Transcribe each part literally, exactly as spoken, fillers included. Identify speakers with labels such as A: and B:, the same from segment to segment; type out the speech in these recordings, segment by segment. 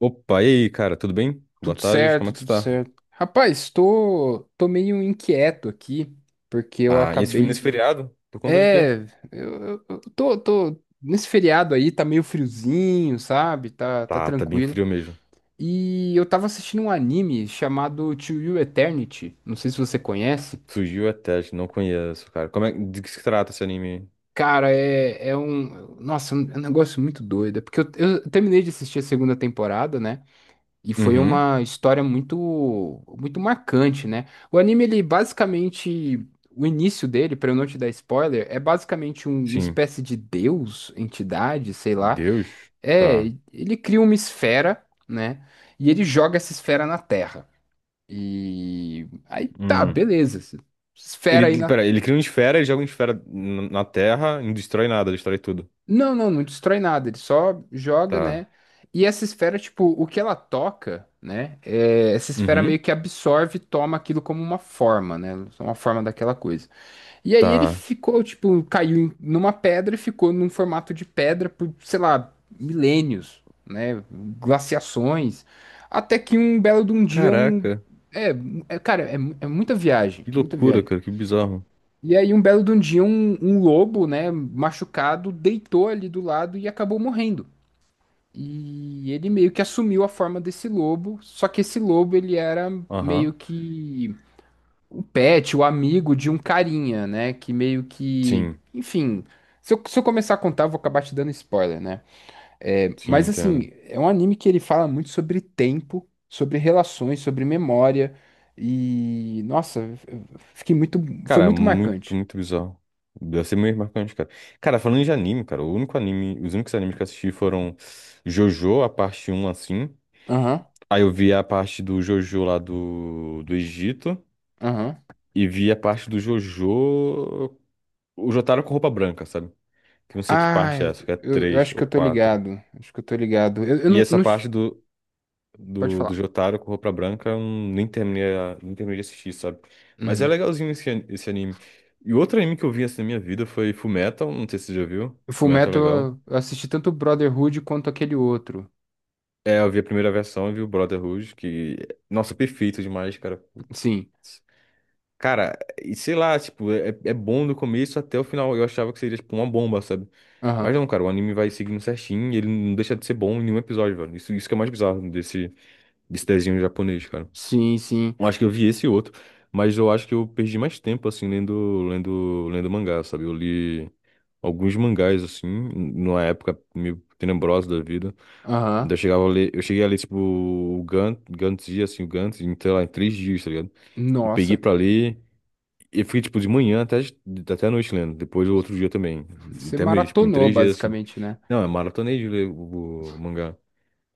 A: Opa, e aí, cara, tudo bem? Boa
B: Tudo
A: tarde, como
B: certo,
A: é que você
B: tudo
A: tá?
B: certo. Rapaz, tô, tô meio inquieto aqui, porque eu
A: Ah, e esse,
B: acabei.
A: nesse feriado? Por conta de quê?
B: É, eu, eu- eu tô, tô. Nesse feriado aí tá meio friozinho, sabe? Tá, tá
A: Tá, tá bem
B: tranquilo.
A: frio mesmo.
B: E eu tava assistindo um anime chamado To You Eternity. Não sei se você conhece.
A: Surgiu até, não conheço, cara. Como é, de que se trata esse anime?
B: Cara, é, é um. Nossa, é um- é um negócio muito doido. é Porque eu, eu terminei de assistir a segunda temporada, né? E foi
A: Uhum,
B: uma história muito muito marcante, né? O anime, ele basicamente, o início dele, para eu não te dar spoiler, é basicamente um- uma
A: sim.
B: espécie de deus, entidade, sei lá.
A: Deus?
B: É,
A: Tá.
B: ele cria uma esfera, né? E ele joga essa esfera na Terra. E aí tá,
A: Hum.
B: beleza.
A: Ele,
B: Esfera aí
A: ele-
B: na...
A: pera, ele cria uma esfera e joga uma esfera n- na Terra e não destrói nada, destrói tudo.
B: Não, não, não destrói nada, ele só joga,
A: Tá.
B: né? E essa esfera, tipo, o que ela toca, né? É, essa esfera meio
A: Uhum,
B: que absorve e toma aquilo como uma forma, né? Uma forma daquela coisa. E aí ele
A: tá.
B: ficou, tipo, caiu em- numa pedra e ficou num formato de pedra por, sei lá, milênios, né? Glaciações. Até que um belo de um dia, um...
A: Caraca,
B: É, é, cara, é, mu- é muita viagem,
A: que
B: muita
A: loucura,
B: viagem.
A: cara, que bizarro.
B: E aí, um belo de um dia, um, um lobo, né, machucado, deitou ali do lado e acabou morrendo. E ele meio que assumiu a forma desse lobo, só que esse lobo ele era meio
A: Aham,
B: que o pet, o amigo de um carinha, né, que meio que,
A: sim,
B: enfim, se eu, se eu começar a contar, eu vou acabar te dando spoiler, né? É,
A: sim,
B: mas
A: entendo.
B: assim, é um anime que ele fala muito sobre tempo, sobre relações, sobre memória e, nossa, eu fiquei muito, foi
A: Cara,
B: muito
A: muito,
B: marcante.
A: muito bizarro. Deve ser meio marcante, cara. Cara, falando de anime, cara, o único anime, os únicos animes que eu assisti foram JoJo, a parte um assim.
B: Aham.
A: Aí eu vi a parte do JoJo lá do, do Egito.
B: Aham.
A: E vi a parte do JoJo. O Jotaro com roupa branca, sabe? Que eu não sei que
B: Ah,
A: parte é essa, que é
B: eu, eu
A: três
B: acho que
A: ou
B: eu tô
A: quatro.
B: ligado. Acho que eu tô ligado. Eu, eu
A: E
B: não,
A: essa
B: não-
A: parte do.
B: Pode
A: do, do
B: falar.
A: Jotaro com roupa branca, eu nem terminei, a- nem terminei de assistir, sabe? Mas é
B: Uhum.
A: legalzinho esse, an- esse anime. E outro anime que eu vi assim na minha vida foi Fullmetal, não sei se você já viu.
B: O
A: Fullmetal é
B: Fullmetal,
A: legal.
B: eu eu assisti tanto o Brotherhood quanto aquele outro.
A: É, eu vi a primeira versão e vi o Brotherhood, que, nossa, perfeito demais, cara.
B: Sim.
A: Putz. Cara, e sei lá, tipo, é, é bom do começo até o final. Eu achava que seria, tipo, uma bomba, sabe? Mas
B: Aham.
A: não, cara, o anime vai seguindo certinho e ele não deixa de ser bom em nenhum episódio, velho. Isso, isso que é mais bizarro desse, desse desenho japonês, cara.
B: Sim, sim.
A: Eu acho que eu vi esse e outro, mas eu acho que eu perdi mais tempo, assim, lendo, lendo, lendo mangá, sabe? Eu li alguns mangás, assim, numa época meio tenebrosa da vida. Ainda
B: Aham.
A: chegava a ler, eu cheguei a ler, tipo, o Gantz, Gantz Dia, assim, o Gantz, em, sei lá, em três dias, tá ligado? E peguei
B: Nossa.
A: pra ler, e fui, tipo, de manhã até, até a noite lendo, depois o outro dia também,
B: Você
A: até mesmo, tipo, em
B: maratonou,
A: três dias, assim.
B: basicamente, né?
A: Não, é maratonei de ler o, o mangá.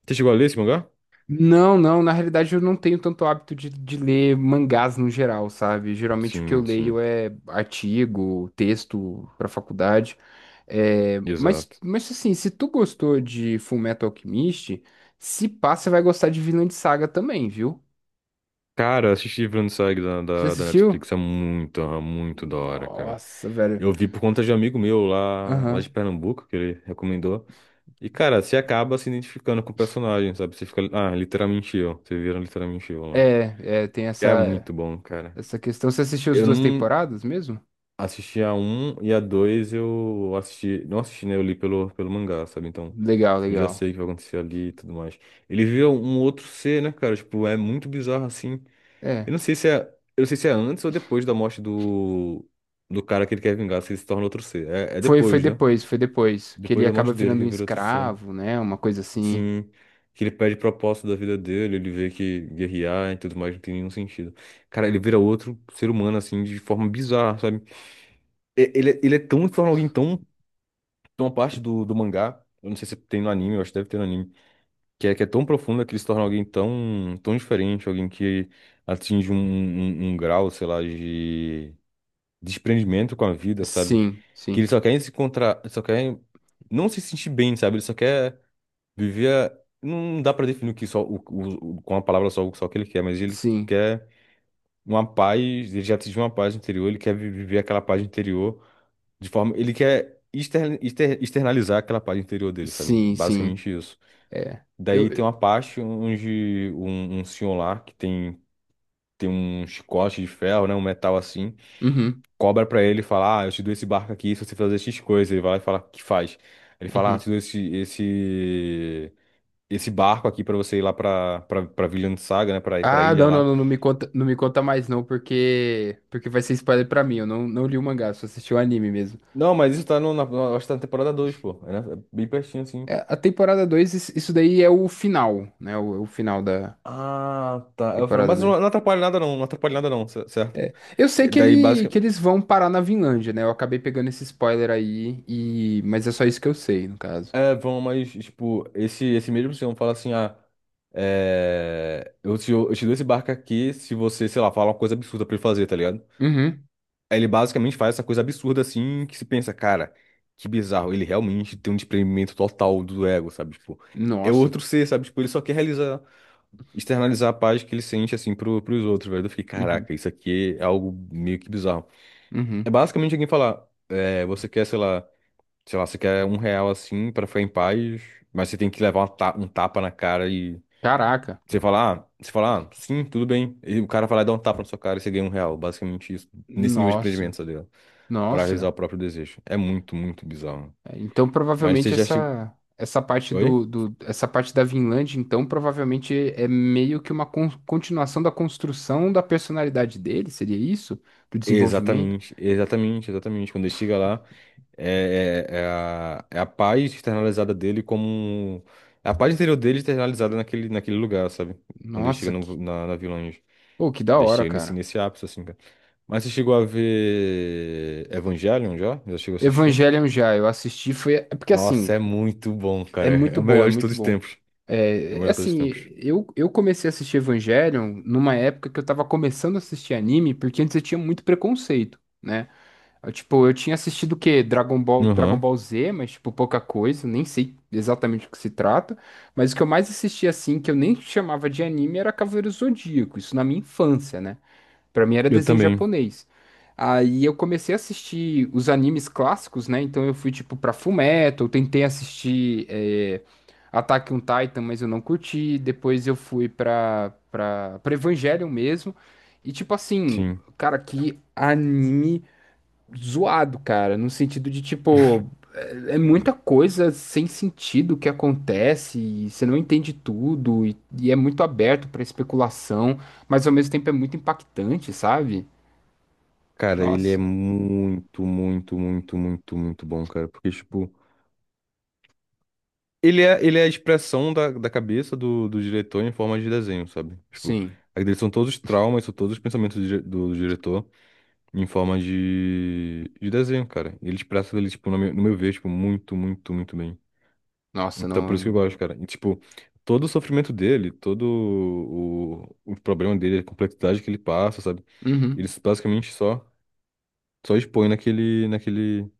A: Você chegou a ler esse mangá?
B: Não, não, na realidade eu não tenho tanto hábito de, de ler mangás no geral, sabe? Geralmente o que eu
A: Sim,
B: leio
A: sim,
B: é artigo, texto pra faculdade. É, mas,
A: exato.
B: mas assim, se tu gostou de Fullmetal Alchemist, se pá, você vai gostar de Vinland Saga também, viu?
A: Cara, eu assisti Vinland Saga da,
B: Você
A: da, da
B: assistiu?
A: Netflix, é muito, é muito da hora, cara.
B: Nossa, velho.
A: Eu vi por conta de um amigo meu lá, lá de
B: Aham.
A: Pernambuco, que ele recomendou. E, cara, você acaba se identificando com o personagem, sabe? Você fica, ah, literalmente eu. Você vira literalmente eu lá.
B: É, é, tem
A: Porque é
B: essa,
A: muito bom, cara.
B: essa questão. Você assistiu as
A: Eu
B: duas
A: não
B: temporadas mesmo?
A: assisti a um e a dois eu assisti. Não assisti, né? Eu li pelo, pelo mangá, sabe? Então,
B: Legal,
A: eu já
B: legal.
A: sei o que vai acontecer ali e tudo mais. Ele vira um outro ser, né, cara? Tipo, é muito bizarro assim.
B: É.
A: Eu não sei se é, eu não sei se é antes ou depois da morte do, do cara que ele quer vingar, se ele se torna outro ser. É, é
B: Foi, foi
A: depois, né?
B: depois, foi depois. Que ele
A: Depois da
B: acaba
A: morte dele
B: virando
A: que
B: um
A: vira outro ser.
B: escravo, né? Uma coisa assim.
A: Sim, que ele perde propósito da vida dele, ele vê que guerrear e tudo mais não tem nenhum sentido. Cara, ele vira outro ser humano, assim, de forma bizarra, sabe? E- Ele, é- ele é tão, de forma alguém tão, tão a parte do, do mangá, eu não sei se tem no anime, eu acho que deve ter no anime, que é, que é tão profunda que ele se torna alguém tão, tão diferente, alguém que atinge um, um um um grau, sei lá, de desprendimento com a vida, sabe?
B: Sim,
A: Que
B: sim,
A: eles só querem se encontrar, só querem não se sentir bem, sabe? Ele só quer viver. a- Não dá pra definir o que só o, o- o- com a palavra só o só o que ele quer, mas ele
B: sim,
A: quer uma paz, ele já atingiu uma paz interior, ele quer vi- viver aquela paz interior de forma, ele quer exter, exter- externalizar aquela paz interior dele, sabe?
B: sim, sim.
A: Basicamente isso.
B: É.
A: Daí
B: Eu.
A: tem
B: eu-
A: uma parte onde um, um senhor lá que tem tem um chicote de ferro, né, um metal assim,
B: Uhum,
A: cobra pra ele e fala: Ah, eu te dou esse barco aqui se você fazer X coisas. Ele vai lá e fala: O que faz? Ele fala: Ah, eu
B: uhum.
A: te dou esse, esse, esse barco aqui pra você ir lá pra, pra, pra Vinland Saga, né? Pra, pra
B: Ah,
A: ilha
B: não, não,
A: lá.
B: não, não me conta, não me conta mais não, porque porque vai ser spoiler pra mim. Eu não, não li o mangá, só assisti o anime mesmo.
A: Não, mas isso tá no, na, na- acho que tá na temporada dois, pô. É, né? É bem pertinho assim.
B: É, a temporada dois, isso isso daí é o final, né? O, o final da
A: Ah, tá. Eu falo,
B: temporada
A: mas
B: dois.
A: não, não atrapalha nada não, não atrapalha nada não, cer- certo?
B: Eu sei
A: E
B: que
A: daí,
B: ele que
A: basicamente.
B: eles vão parar na Vinlândia, né? Eu acabei pegando esse spoiler aí e mas é só isso que eu sei, no caso.
A: É, vão, mas, tipo, esse, esse mesmo senhor fala assim: Ah. É, eu te, eu te dou esse barco aqui se você, sei lá, falar uma coisa absurda pra ele fazer, tá ligado?
B: Uhum.
A: Aí ele basicamente faz essa coisa absurda assim, que se pensa, cara, que bizarro. Ele realmente tem um desprendimento total do ego, sabe? Tipo, é
B: Nossa.
A: outro ser, sabe? Tipo, ele só quer realizar, externalizar a paz que ele sente assim pro, pros outros, velho. Eu fiquei,
B: Uhum,
A: caraca, isso aqui é algo meio que bizarro. É
B: uhum.
A: basicamente alguém falar, é, você quer, sei lá, sei lá, você quer um real assim pra ficar em paz, mas você tem que levar uma ta- um tapa na cara e
B: Caraca.
A: você falar, ah, você falar, ah, sim, tudo bem. E o cara vai lá e dá um tapa na sua cara e você ganha um real. Basicamente isso, nesse nível de
B: Nossa,
A: empreendimento, sabe? Para realizar
B: nossa.
A: o próprio desejo. É muito, muito bizarro.
B: É, então
A: Mas você
B: provavelmente
A: já chegou.
B: essa essa parte do,
A: Oi?
B: do essa parte da Vinland, então provavelmente é meio que uma con- continuação da construção da personalidade dele, seria isso? Do desenvolvimento?
A: Exatamente, exatamente, exatamente. Quando ele chega lá, é, é, é a, é a paz externalizada dele como. Um, é a paz interior dele externalizada naquele, naquele lugar, sabe? Quando ele chega
B: Nossa,
A: no-
B: que,
A: na, na Village.
B: pô, que da
A: Ele
B: hora,
A: chega nesse,
B: cara.
A: nesse ápice, assim, cara. Mas você chegou a ver Evangelion já? Já chegou a assistir?
B: Evangelion já eu assisti foi é porque
A: Nossa,
B: assim,
A: é muito bom,
B: é
A: cara. É
B: muito
A: o
B: bom, é
A: melhor de
B: muito
A: todos os
B: bom.
A: tempos. É o
B: É, é
A: melhor de todos os
B: assim,
A: tempos.
B: eu, eu comecei a assistir Evangelion numa época que eu tava começando a assistir anime, porque antes eu tinha muito preconceito, né? Eu, tipo, eu tinha assistido o quê? Dragon Ball, Dragon
A: Aham.
B: Ball Z, mas, tipo, pouca coisa, nem sei exatamente o que se trata. Mas o que eu mais assistia, assim, que eu nem chamava de anime, era Cavaleiro Zodíaco, isso na minha infância, né? Pra mim era
A: Eu
B: desenho
A: também,
B: japonês. Aí eu comecei a assistir os animes clássicos, né? Então eu fui tipo pra Fullmetal, tentei assistir é, Attack on Titan, mas eu não curti. Depois eu fui pra, pra, pra Evangelion mesmo. E tipo assim,
A: sim.
B: cara, que anime zoado, cara, no sentido de tipo, é é muita coisa sem sentido que acontece e você não entende tudo e, e é muito aberto pra especulação, mas ao mesmo tempo é muito impactante, sabe?
A: Cara, ele é
B: Nossa.
A: muito, muito, muito, muito, muito bom, cara. Porque, tipo, ele é, ele é a expressão da, da cabeça do, do diretor em forma de desenho, sabe? Tipo,
B: Sim.
A: aí dele são todos os traumas, são todos os pensamentos do, dire- do diretor em forma de, de desenho, cara. E ele expressa ele, tipo, no meu, no meu ver, tipo, muito, muito, muito bem.
B: Nossa,
A: Então, por isso que eu
B: não.
A: gosto, cara. E, tipo, todo o sofrimento dele, todo o, o problema dele, a complexidade que ele passa, sabe? Ele
B: Uhum.
A: basicamente só, só expõe naquele, naquele.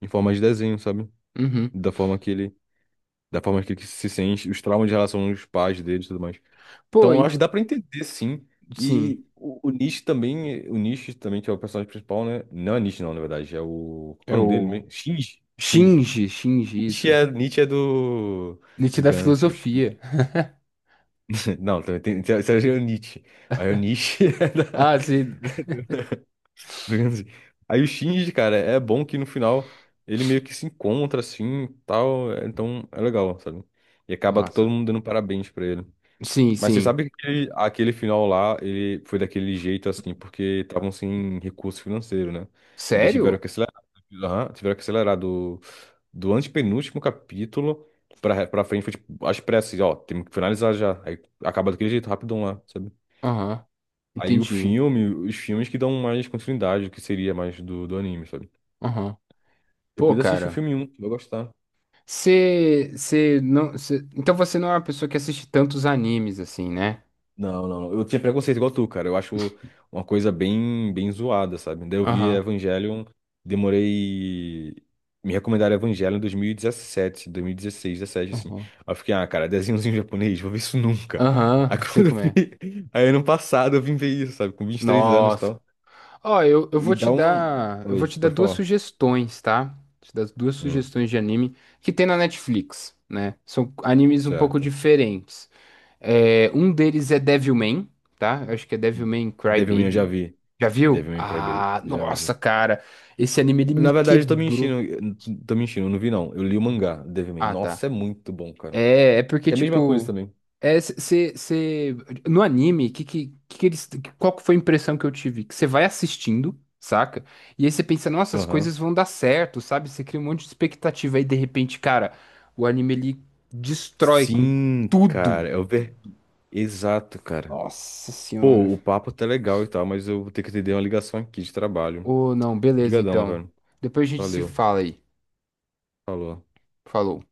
A: Em forma de desenho, sabe?
B: Uhum.
A: Da forma que ele, da forma que ele se sente, os traumas de relação aos pais dele e tudo mais.
B: Pô,
A: Então, eu
B: en-
A: acho que dá pra entender, sim.
B: Sim.
A: E o, o Nietzsche também, o Nietzsche também, que é o personagem principal, né? Não é Nietzsche, não, na verdade, é o... Qual que
B: É
A: é o nome dele
B: o
A: mesmo? Shinji. Shinji.
B: Shinji, Shinji,
A: Nietzsche
B: isso.
A: é, Nietzsche é do...
B: Nietzsche
A: Do
B: da
A: Guns.
B: filosofia.
A: Não, também tem, tem, tem o Nietzsche. Mas o Nietzsche é da...
B: Ah, sim.
A: Digamos assim. Aí o Shinji, cara, é bom que no final ele meio que se encontra assim, tal, é- então é legal, sabe? E acaba todo
B: Massa.
A: mundo dando parabéns pra ele.
B: Sim,
A: Mas você
B: sim.
A: sabe que aquele, aquele final lá, ele foi daquele jeito assim, porque estavam sem recurso financeiro, né? Ainda tiveram
B: Sério?
A: que acelerar, aham, tiveram que acelerar do, do antepenúltimo capítulo pra, pra frente, foi tipo, às pressas, ó, temos que finalizar já. Aí acaba daquele jeito, rapidão lá, sabe?
B: Aham.
A: Aí o
B: Entendi.
A: filme, os filmes que dão mais continuidade, o que seria mais do, do anime, sabe?
B: Aham. Pô,
A: Depois assiste o
B: cara.
A: filme um tu vai gostar.
B: Você, você não, cê- Então você não é uma pessoa que assiste tantos animes assim, né?
A: Não, não, não. Eu tinha preconceito igual tu, cara. Eu acho uma coisa bem, bem zoada, sabe? Daí eu vi
B: Aham,
A: Evangelion, demorei. Me recomendaram Evangelion em dois mil e dezessete, dois mil e dezesseis dezessete assim.
B: aham,
A: Aí eu fiquei, ah, cara, desenhozinho japonês, vou ver isso nunca. Aí
B: aham, sei
A: quando eu
B: como é.
A: vi. Aí ano passado eu vim ver isso, sabe? Com vinte e três anos e
B: Nossa.
A: tal.
B: Ó, eu, eu
A: E
B: vou te
A: dá um.
B: dar, eu
A: Oi,
B: vou te dar
A: pode
B: duas
A: falar.
B: sugestões, tá? Te dar duas
A: Hum,
B: sugestões de anime que tem na Netflix, né? São animes um pouco
A: certo.
B: diferentes. É, um deles é Devilman, tá? Eu acho que é Devilman
A: Devilman eu já
B: Crybaby.
A: vi.
B: Já viu?
A: Devilman Crybaby,
B: Ah,
A: já
B: nossa,
A: vi.
B: cara, esse anime ele me
A: Na verdade, eu tô
B: quebrou.
A: mentindo. Eu Tô mentindo, eu não vi não. Eu li o mangá, Devilman.
B: Ah, tá.
A: Nossa, é muito bom, cara.
B: É, é porque,
A: Que é a mesma coisa
B: tipo.
A: também.
B: É, você. No anime, que, que, que eles, qual que foi a impressão que eu tive? Que você vai assistindo, saca? E aí você pensa, nossa, as
A: Aham.
B: coisas vão dar certo, sabe? Você cria um monte de expectativa. Aí, de repente, cara, o anime ele destrói com
A: Sim,
B: tudo.
A: cara. Eu ver. Exato, cara.
B: Nossa senhora.
A: Pô, o papo tá legal e tal, mas eu vou ter que atender uma ligação aqui de trabalho.
B: Ô, não, beleza,
A: Obrigadão,
B: então.
A: velho.
B: Depois a gente se
A: Valeu.
B: fala aí.
A: Falou.
B: Falou.